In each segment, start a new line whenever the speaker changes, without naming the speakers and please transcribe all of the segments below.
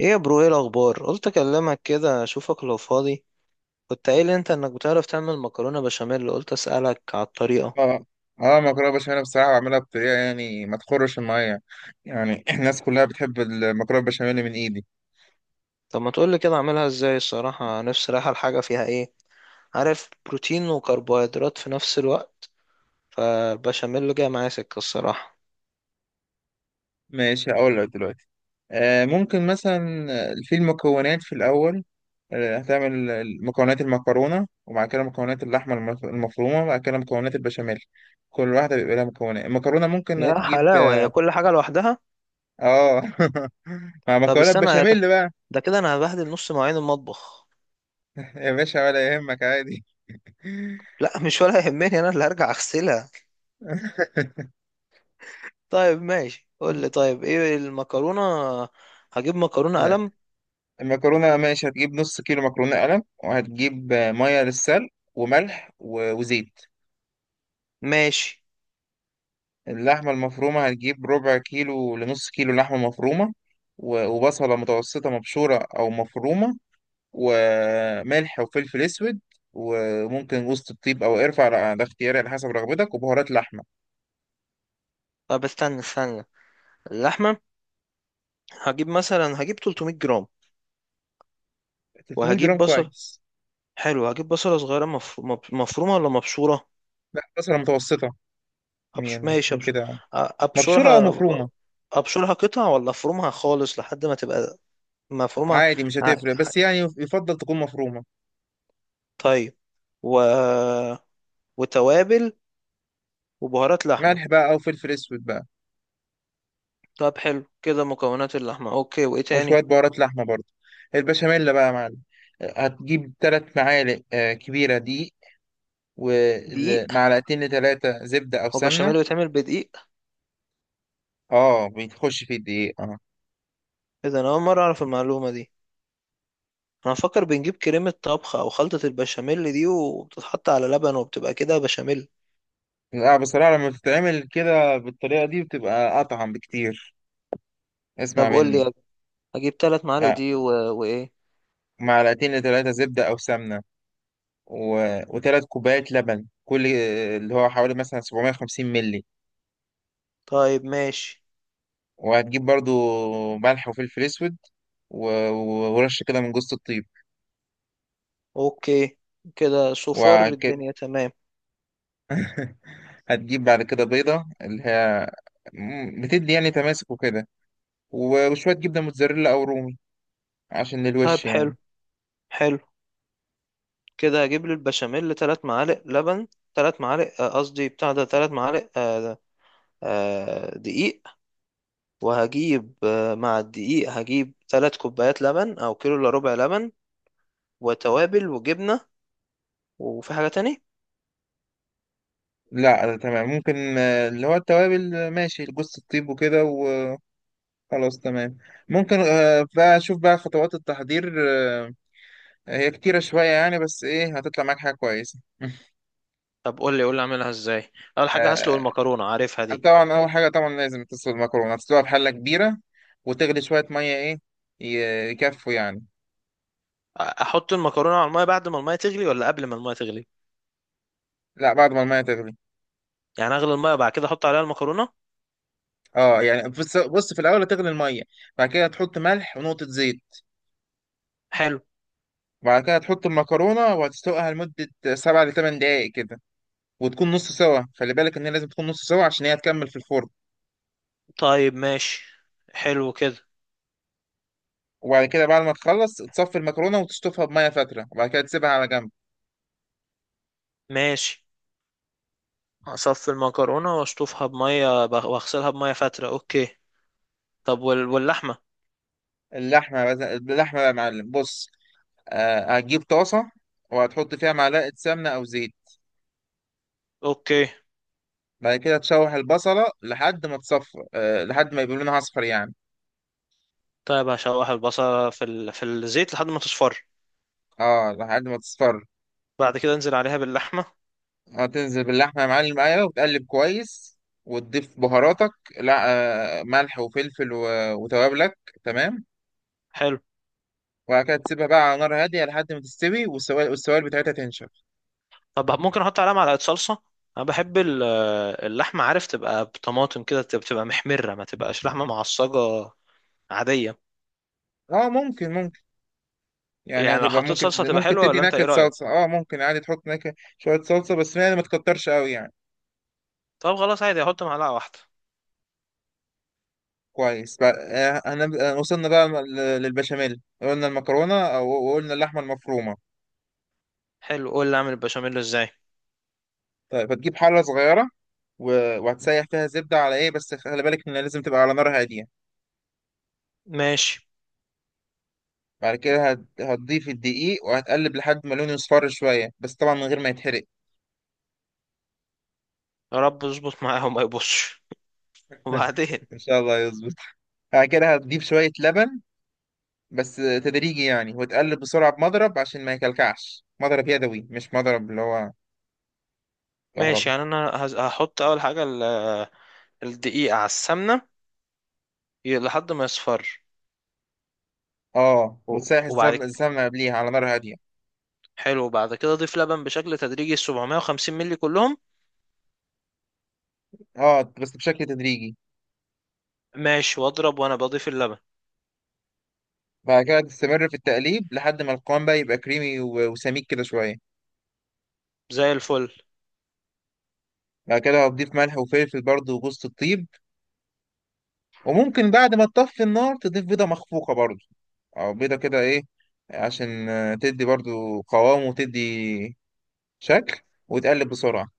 ايه يا برو، ايه الاخبار؟ قلت اكلمك كده اشوفك لو فاضي. كنت قايل انت انك بتعرف تعمل مكرونه بشاميل، قلت اسالك على الطريقه.
اه اه. مكرونه بشاميل بصراحه بعملها بطريقه يعني ما تخرش الميه. يعني الناس كلها بتحب المكرونه بشاميل من ايدي.
طب ما تقولي كده اعملها ازاي؟ الصراحه نفسي رايحه، الحاجه فيها ايه؟ عارف، بروتين وكربوهيدرات في نفس الوقت، فالبشاميل جاي معايا سكه الصراحه.
ماشي، هقول لك دلوقتي. ممكن مثلا في المكونات في الاول. هتعمل مكونات المكرونه، وبعد كده مكونات اللحمه المفرومه، وبعد كده مكونات البشاميل. كل واحده بيبقى لها مكونات. المكرونه ممكن
يا
هتجيب
حلاوه، هي كل حاجه لوحدها؟
اه. مع
طب
مكرونه
استنى
بشاميل بقى.
ده كده انا هبهدل نص مواعين المطبخ.
يا باشا ولا يهمك، عادي.
لا مش ولا يهمني، انا اللي هرجع اغسلها. طيب ماشي، قول لي، طيب ايه المكرونه؟ هجيب مكرونه قلم.
المكرونة ماشي، هتجيب نص كيلو مكرونة قلم، وهتجيب مية للسلق، وملح وزيت.
ماشي.
اللحمة المفرومة هتجيب ربع كيلو لنص كيلو لحمة مفرومة، وبصلة متوسطة مبشورة أو مفرومة، وملح وفلفل أسود، وممكن وسط الطيب أو قرفة ده اختياري على حسب رغبتك، وبهارات لحمة.
طب استنى استنى، اللحمة، هجيب مثلا هجيب 300 جرام.
300
وهجيب
جرام
بصل،
كويس.
حلو. هجيب بصلة صغيرة مفرومة ولا مبشورة؟
لا، بصلة متوسطة.
أبش...
يعني
ماشي
تكون
أبش... أ-
كده يعني. مبشورة أو
أبشرها.
مفرومة.
أبشرها قطع ولا أفرمها خالص لحد ما تبقى مفرومة؟
عادي مش
ع...
هتفرق،
ع-
بس يعني يفضل تكون مفرومة.
طيب، و... وتوابل وبهارات لحمة.
ملح بقى او فلفل اسود بقى.
طب حلو كده، مكونات اللحمة أوكي، وإيه
وشوية
تاني؟
بهارات لحمة برضه. البشاميل بقى يا معلم، هتجيب تلات معالق كبيرة دقيق،
دقيق؟
ومعلقتين لتلاتة زبدة أو
هو
سمنة.
بشاميل بيتعمل بدقيق؟
اه، بتخش في الدقيق اه.
إذا أنا أول مرة أعرف المعلومة دي. انا مفكر بنجيب كريمة طبخ او خلطة البشاميل دي، وبتتحط على لبن وبتبقى كده بشاميل.
لا، بصراحة لما بتتعمل كده بالطريقة دي بتبقى أطعم بكتير. اسمع
طب قول
مني.
لي، اجيب ثلاث معالق
آه.
دي وايه؟
معلقتين لتلاتة زبدة أو سمنة، و... وتلات كوبايات لبن كل اللي هو حوالي مثلا 750 ملي.
طيب ماشي.
وهتجيب برضو ملح وفلفل أسود، و... ورش كده من جوز الطيب.
اوكي، كده صفار
وك...
الدنيا تمام؟
هتجيب بعد كده بيضة، اللي هي بتدي يعني تماسك وكده، وشوية جبنة موتزاريلا أو رومي عشان الوش
طيب حلو،
يعني.
حلو. كده اجيب لي البشاميل 3 معالق لبن، 3 معالق قصدي بتاع ده 3 معالق، دقيق. وهجيب مع الدقيق هجيب 3 كوبايات لبن او كيلو الا ربع لبن، وتوابل وجبنة. وفي حاجة تانية؟
لا، ده تمام. ممكن اللي هو التوابل ماشي، جوز الطيب وكده وخلاص. تمام. ممكن بقى أشوف بقى خطوات التحضير. آه، هي كتيرة شوية يعني، بس إيه، هتطلع معاك حاجة كويسة.
طب قول لي قول لي اعملها ازاي. اول حاجه هسلق
آه،
المكرونه، عارفها دي.
طبعا أول حاجة طبعا لازم تسلق المكرونة، تسلقها في حلة كبيرة، وتغلي شوية مية إيه، يكفوا يعني.
احط المكرونه على الميه بعد ما الميه تغلي ولا قبل ما الميه تغلي؟
لا، بعد ما المية تغلي.
يعني اغلي الميه بعد كده احط عليها المكرونه.
اه، يعني بص في الاول هتغلي الميه، بعد كده هتحط ملح ونقطه زيت.
حلو.
وبعد كده هتحط المكرونه وهتسلقها لمده سبع لثمان دقائق كده، وتكون نص سوا. خلي بالك ان هي لازم تكون نص سوا عشان هي هتكمل في الفرن.
طيب ماشي، حلو كده.
وبعد كده بعد ما تخلص تصفي المكرونه وتشطفها بميه فتره، وبعد كده تسيبها على جنب.
ماشي، اصفي المكرونه واشطفها واغسلها بميه فاتره، اوكي. طب واللحمه؟
اللحمه اللحمه بقى يا معلم، بص. آه، هتجيب طاسه وهتحط فيها معلقه سمنه او زيت.
اوكي.
بعد كده تشوح البصله لحد ما تصفر، آه لحد ما يبقى لونها اصفر يعني.
طيب هشوح البصله في الزيت لحد ما تصفر.
اه، لحد ما تصفر.
بعد كده انزل عليها باللحمه.
هتنزل باللحمة يا معلم، أيوة، وتقلب كويس وتضيف بهاراتك. لا، ملح وفلفل وتوابلك. تمام.
حلو.
وبعد كده تسيبها بقى على نار هادية لحد ما تستوي والسوائل، والسوائل بتاعتها تنشف.
طب ممكن احط عليها معلقه صلصه؟ انا بحب اللحمه، عارف، تبقى بطماطم كده، تبقى بتبقى محمره، ما تبقاش لحمه معصجه عاديه.
اه ممكن، ممكن. يعني
يعني لو
هتبقى،
حطيت
ممكن
صلصه تبقى
ممكن
حلوه
تدي
ولا انت ايه
نكهة
رايك؟
صلصة اه. ممكن عادي تحط نكهة شوية صلصة، بس يعني ما تكترش قوي يعني.
طب خلاص، عادي احط معلقه واحده.
كويس بقى. وصلنا بقى للبشاميل. قلنا المكرونة وقلنا اللحمة المفرومة.
حلو، قول لي اعمل البشاميل ازاي.
طيب هتجيب حلة صغيرة، وهتسيح فيها زبدة على ايه، بس خلي بالك ان لازم تبقى على نار هادية.
ماشي.
بعد كده هتضيف الدقيق وهتقلب لحد ما لونه يصفر شوية، بس طبعا من غير ما يتحرق.
يا رب اظبط معاه وما يبصش. وبعدين؟
إن شاء الله يظبط. بعد كده هتضيف شوية لبن، بس تدريجي يعني، وتقلب بسرعة بمضرب عشان ما يكلكعش، مضرب يدوي مش مضرب اللي هو
ماشي،
كهرباء.
يعني انا هحط اول حاجه الدقيق على السمنه، لحد ما يصفر.
اه،
و-
وتسيح
وبعد ك-
السمنة قبليها على نار هادية.
حلو، وبعد كده اضيف لبن بشكل تدريجي، 750 مللي كلهم.
اه، بس بشكل تدريجي.
ماشي، واضرب وانا بضيف اللبن.
بعد كده تستمر في التقليب لحد ما القوام بقى يبقى كريمي وسميك كده شوية.
زي الفل.
بعد كده هتضيف ملح وفلفل برضه وجوز الطيب. وممكن بعد ما تطفي النار تضيف بيضة مخفوقة برضه، او بيضه كده ايه، عشان تدي برضو قوام وتدي شكل، وتقلب بسرعه.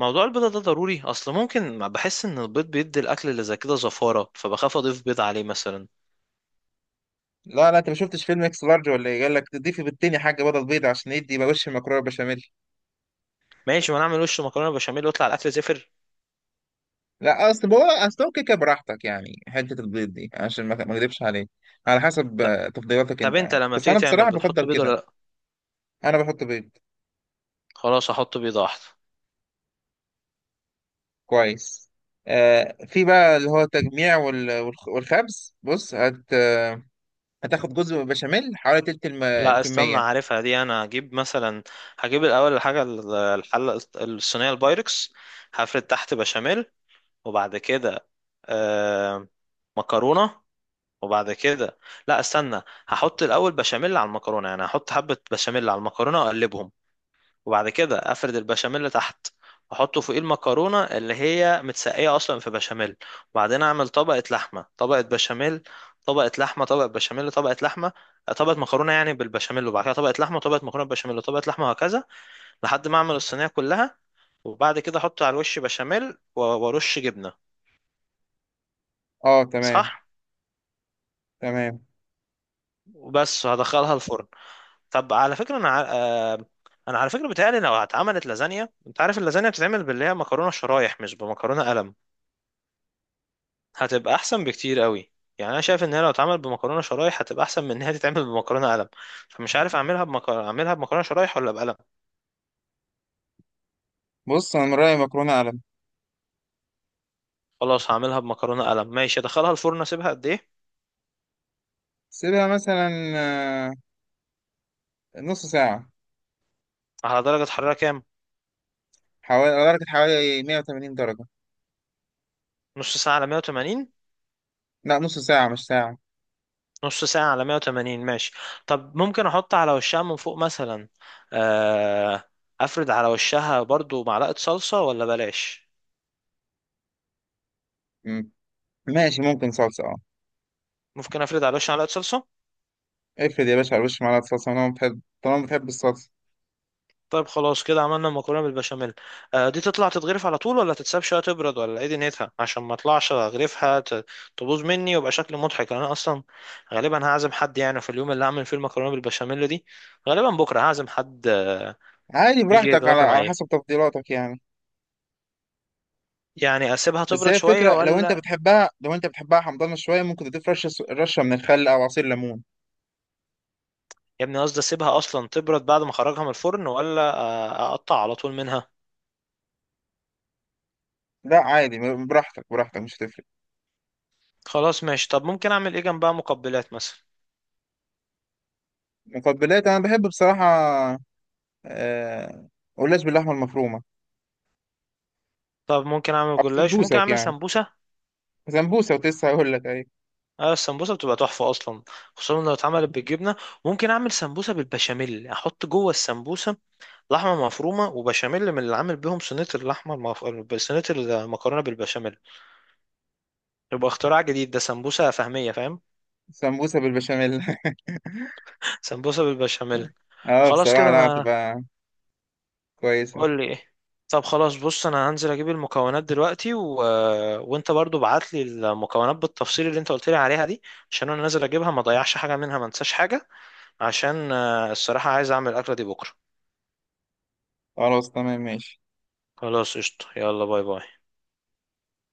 موضوع البيضة ده ضروري؟ اصل ممكن ما بحس ان البيض بيدي الاكل اللي زي كده زفارة، فبخاف اضيف بيض عليه مثلا.
لا لا، انت ما شفتش فيلم اكس لارج ولا ايه، قال لك تضيفي بالتاني حاجه بدل بيضه عشان يدي يبقى وش المكرونه بشاميل.
ماشي، ما نعمل وش مكرونة بشاميل ويطلع الاكل زفر.
لا، اصل هو كيكه براحتك يعني. حته البيض دي عشان ما اكذبش عليك، على حسب
طب،
تفضيلاتك
طب
انت
انت
يعني،
لما
بس
بتيجي
انا
تعمل
بصراحه
بتحط
بفضل
بيضة ولا
كده.
لا؟
انا بحط بيض.
خلاص احط بيضة واحدة.
كويس. في بقى اللي هو تجميع والخبز. بص، هت آه، هتاخد جزء بشاميل حوالي تلت
لا استنى،
الكميه.
عارفها دي. انا هجيب مثلا، هجيب الاول الحاجة الحلة الصينية البايركس. هفرد تحت بشاميل، وبعد كده آه مكرونة، وبعد كده لا استنى، هحط الاول بشاميل على المكرونه، يعني هحط حبه بشاميل على المكرونه واقلبهم، وبعد كده افرد البشاميل تحت واحطه فوق المكرونه اللي هي متسقيه اصلا في بشاميل، وبعدين اعمل طبقه لحمه طبقه بشاميل، طبقه لحمه طبقه بشاميل طبقه لحمه، طبقه مكرونه يعني بالبشاميل، وبعد كده طبقه لحمه طبقه مكرونه بشاميل طبقه لحمه، وهكذا لحد ما اعمل الصينيه كلها. وبعد كده احط على الوش بشاميل وارش جبنه.
اه تمام.
صح؟
تمام.
وبس، وهدخلها الفرن. طب على فكرة انا انا على فكرة بتهيألي لو اتعملت لازانيا، انت عارف اللازانيا بتتعمل باللي هي مكرونة شرايح مش بمكرونة قلم، هتبقى احسن بكتير قوي. يعني انا شايف ان هي لو اتعمل بمكرونة شرايح هتبقى احسن من ان هي تتعمل بمكرونة قلم. فمش عارف اعملها اعملها بمكرونة شرايح ولا بقلم.
بص انا من رايي مكرونه قلم.
خلاص هعملها بمكرونة قلم. ماشي، ادخلها الفرن اسيبها قد ايه؟
سيبها مثلا آه، نص ساعه.
على درجة حرارة كام؟
حوالي على درجه حوالي 180 درجه.
نص ساعة على 180؟
لا نص ساعه مش ساعه.
نص ساعة على 180 ماشي. طب ممكن احط على وشها من فوق مثلا، آه، افرد على وشها برضو معلقة صلصة ولا بلاش؟
مم. ماشي، ممكن صلصه اه.
ممكن افرد على وشها معلقة صلصة.
افرض يا باشا على وش معلقه صلصه، انا بحب، طالما بتحب الصلصه.
طيب خلاص، كده عملنا المكرونة بالبشاميل. دي تطلع تتغرف على طول ولا تتساب شوية تبرد ولا ايه دنيتها، عشان ما اطلعش اغرفها تبوظ مني ويبقى شكل مضحك. انا اصلا غالبا هعزم حد يعني في اليوم اللي هعمل فيه المكرونة بالبشاميل دي، غالبا بكرة هعزم حد
عادي،
يجي
براحتك، على
يتغدى
على
معايا.
حسب تفضيلاتك يعني.
يعني اسيبها
بس
تبرد
هي
شوية
الفكره لو انت
ولا؟
بتحبها، لو انت بتحبها حمضانه شويه، ممكن تضيف رشه من الخل او عصير ليمون.
يا ابني قصدي اسيبها اصلا تبرد بعد ما اخرجها من الفرن ولا اقطع على طول منها؟
لا عادي. براحتك مش هتفرق.
خلاص ماشي. طب ممكن اعمل ايه جنبها، مقبلات مثلا؟
مقبلات، انا بحب بصراحه آه، قلاش باللحمه المفرومه.
طب ممكن اعمل
او
جلاش، ممكن
سمبوسك
اعمل
يعني،
سمبوسه.
سمبوسة كنت لسه هقول لك، أيوة.
اه السمبوسه بتبقى تحفه اصلا، خصوصا لو اتعملت بالجبنه. ممكن اعمل سمبوسه بالبشاميل، احط جوه السمبوسه لحمه مفرومه وبشاميل من اللي عامل بيهم صينيه صينيه المكرونه بالبشاميل. يبقى اختراع جديد ده، سمبوسه فهميه، فاهم؟
سمبوسة بالبشاميل.
سمبوسه بالبشاميل.
اه
خلاص
بصراحة،
كده
لا
انا،
هتبقى كويسة.
قول لي ايه. طب خلاص بص، انا هنزل اجيب المكونات دلوقتي، وانت برضو بعت لي المكونات بالتفصيل اللي انت قلت لي عليها دي، عشان انا نازل اجيبها ما اضيعش حاجه منها ما انساش حاجه، عشان الصراحه عايز اعمل الاكله دي بكره.
خلاص تمام ماشي.
خلاص قشطه، يلا باي باي.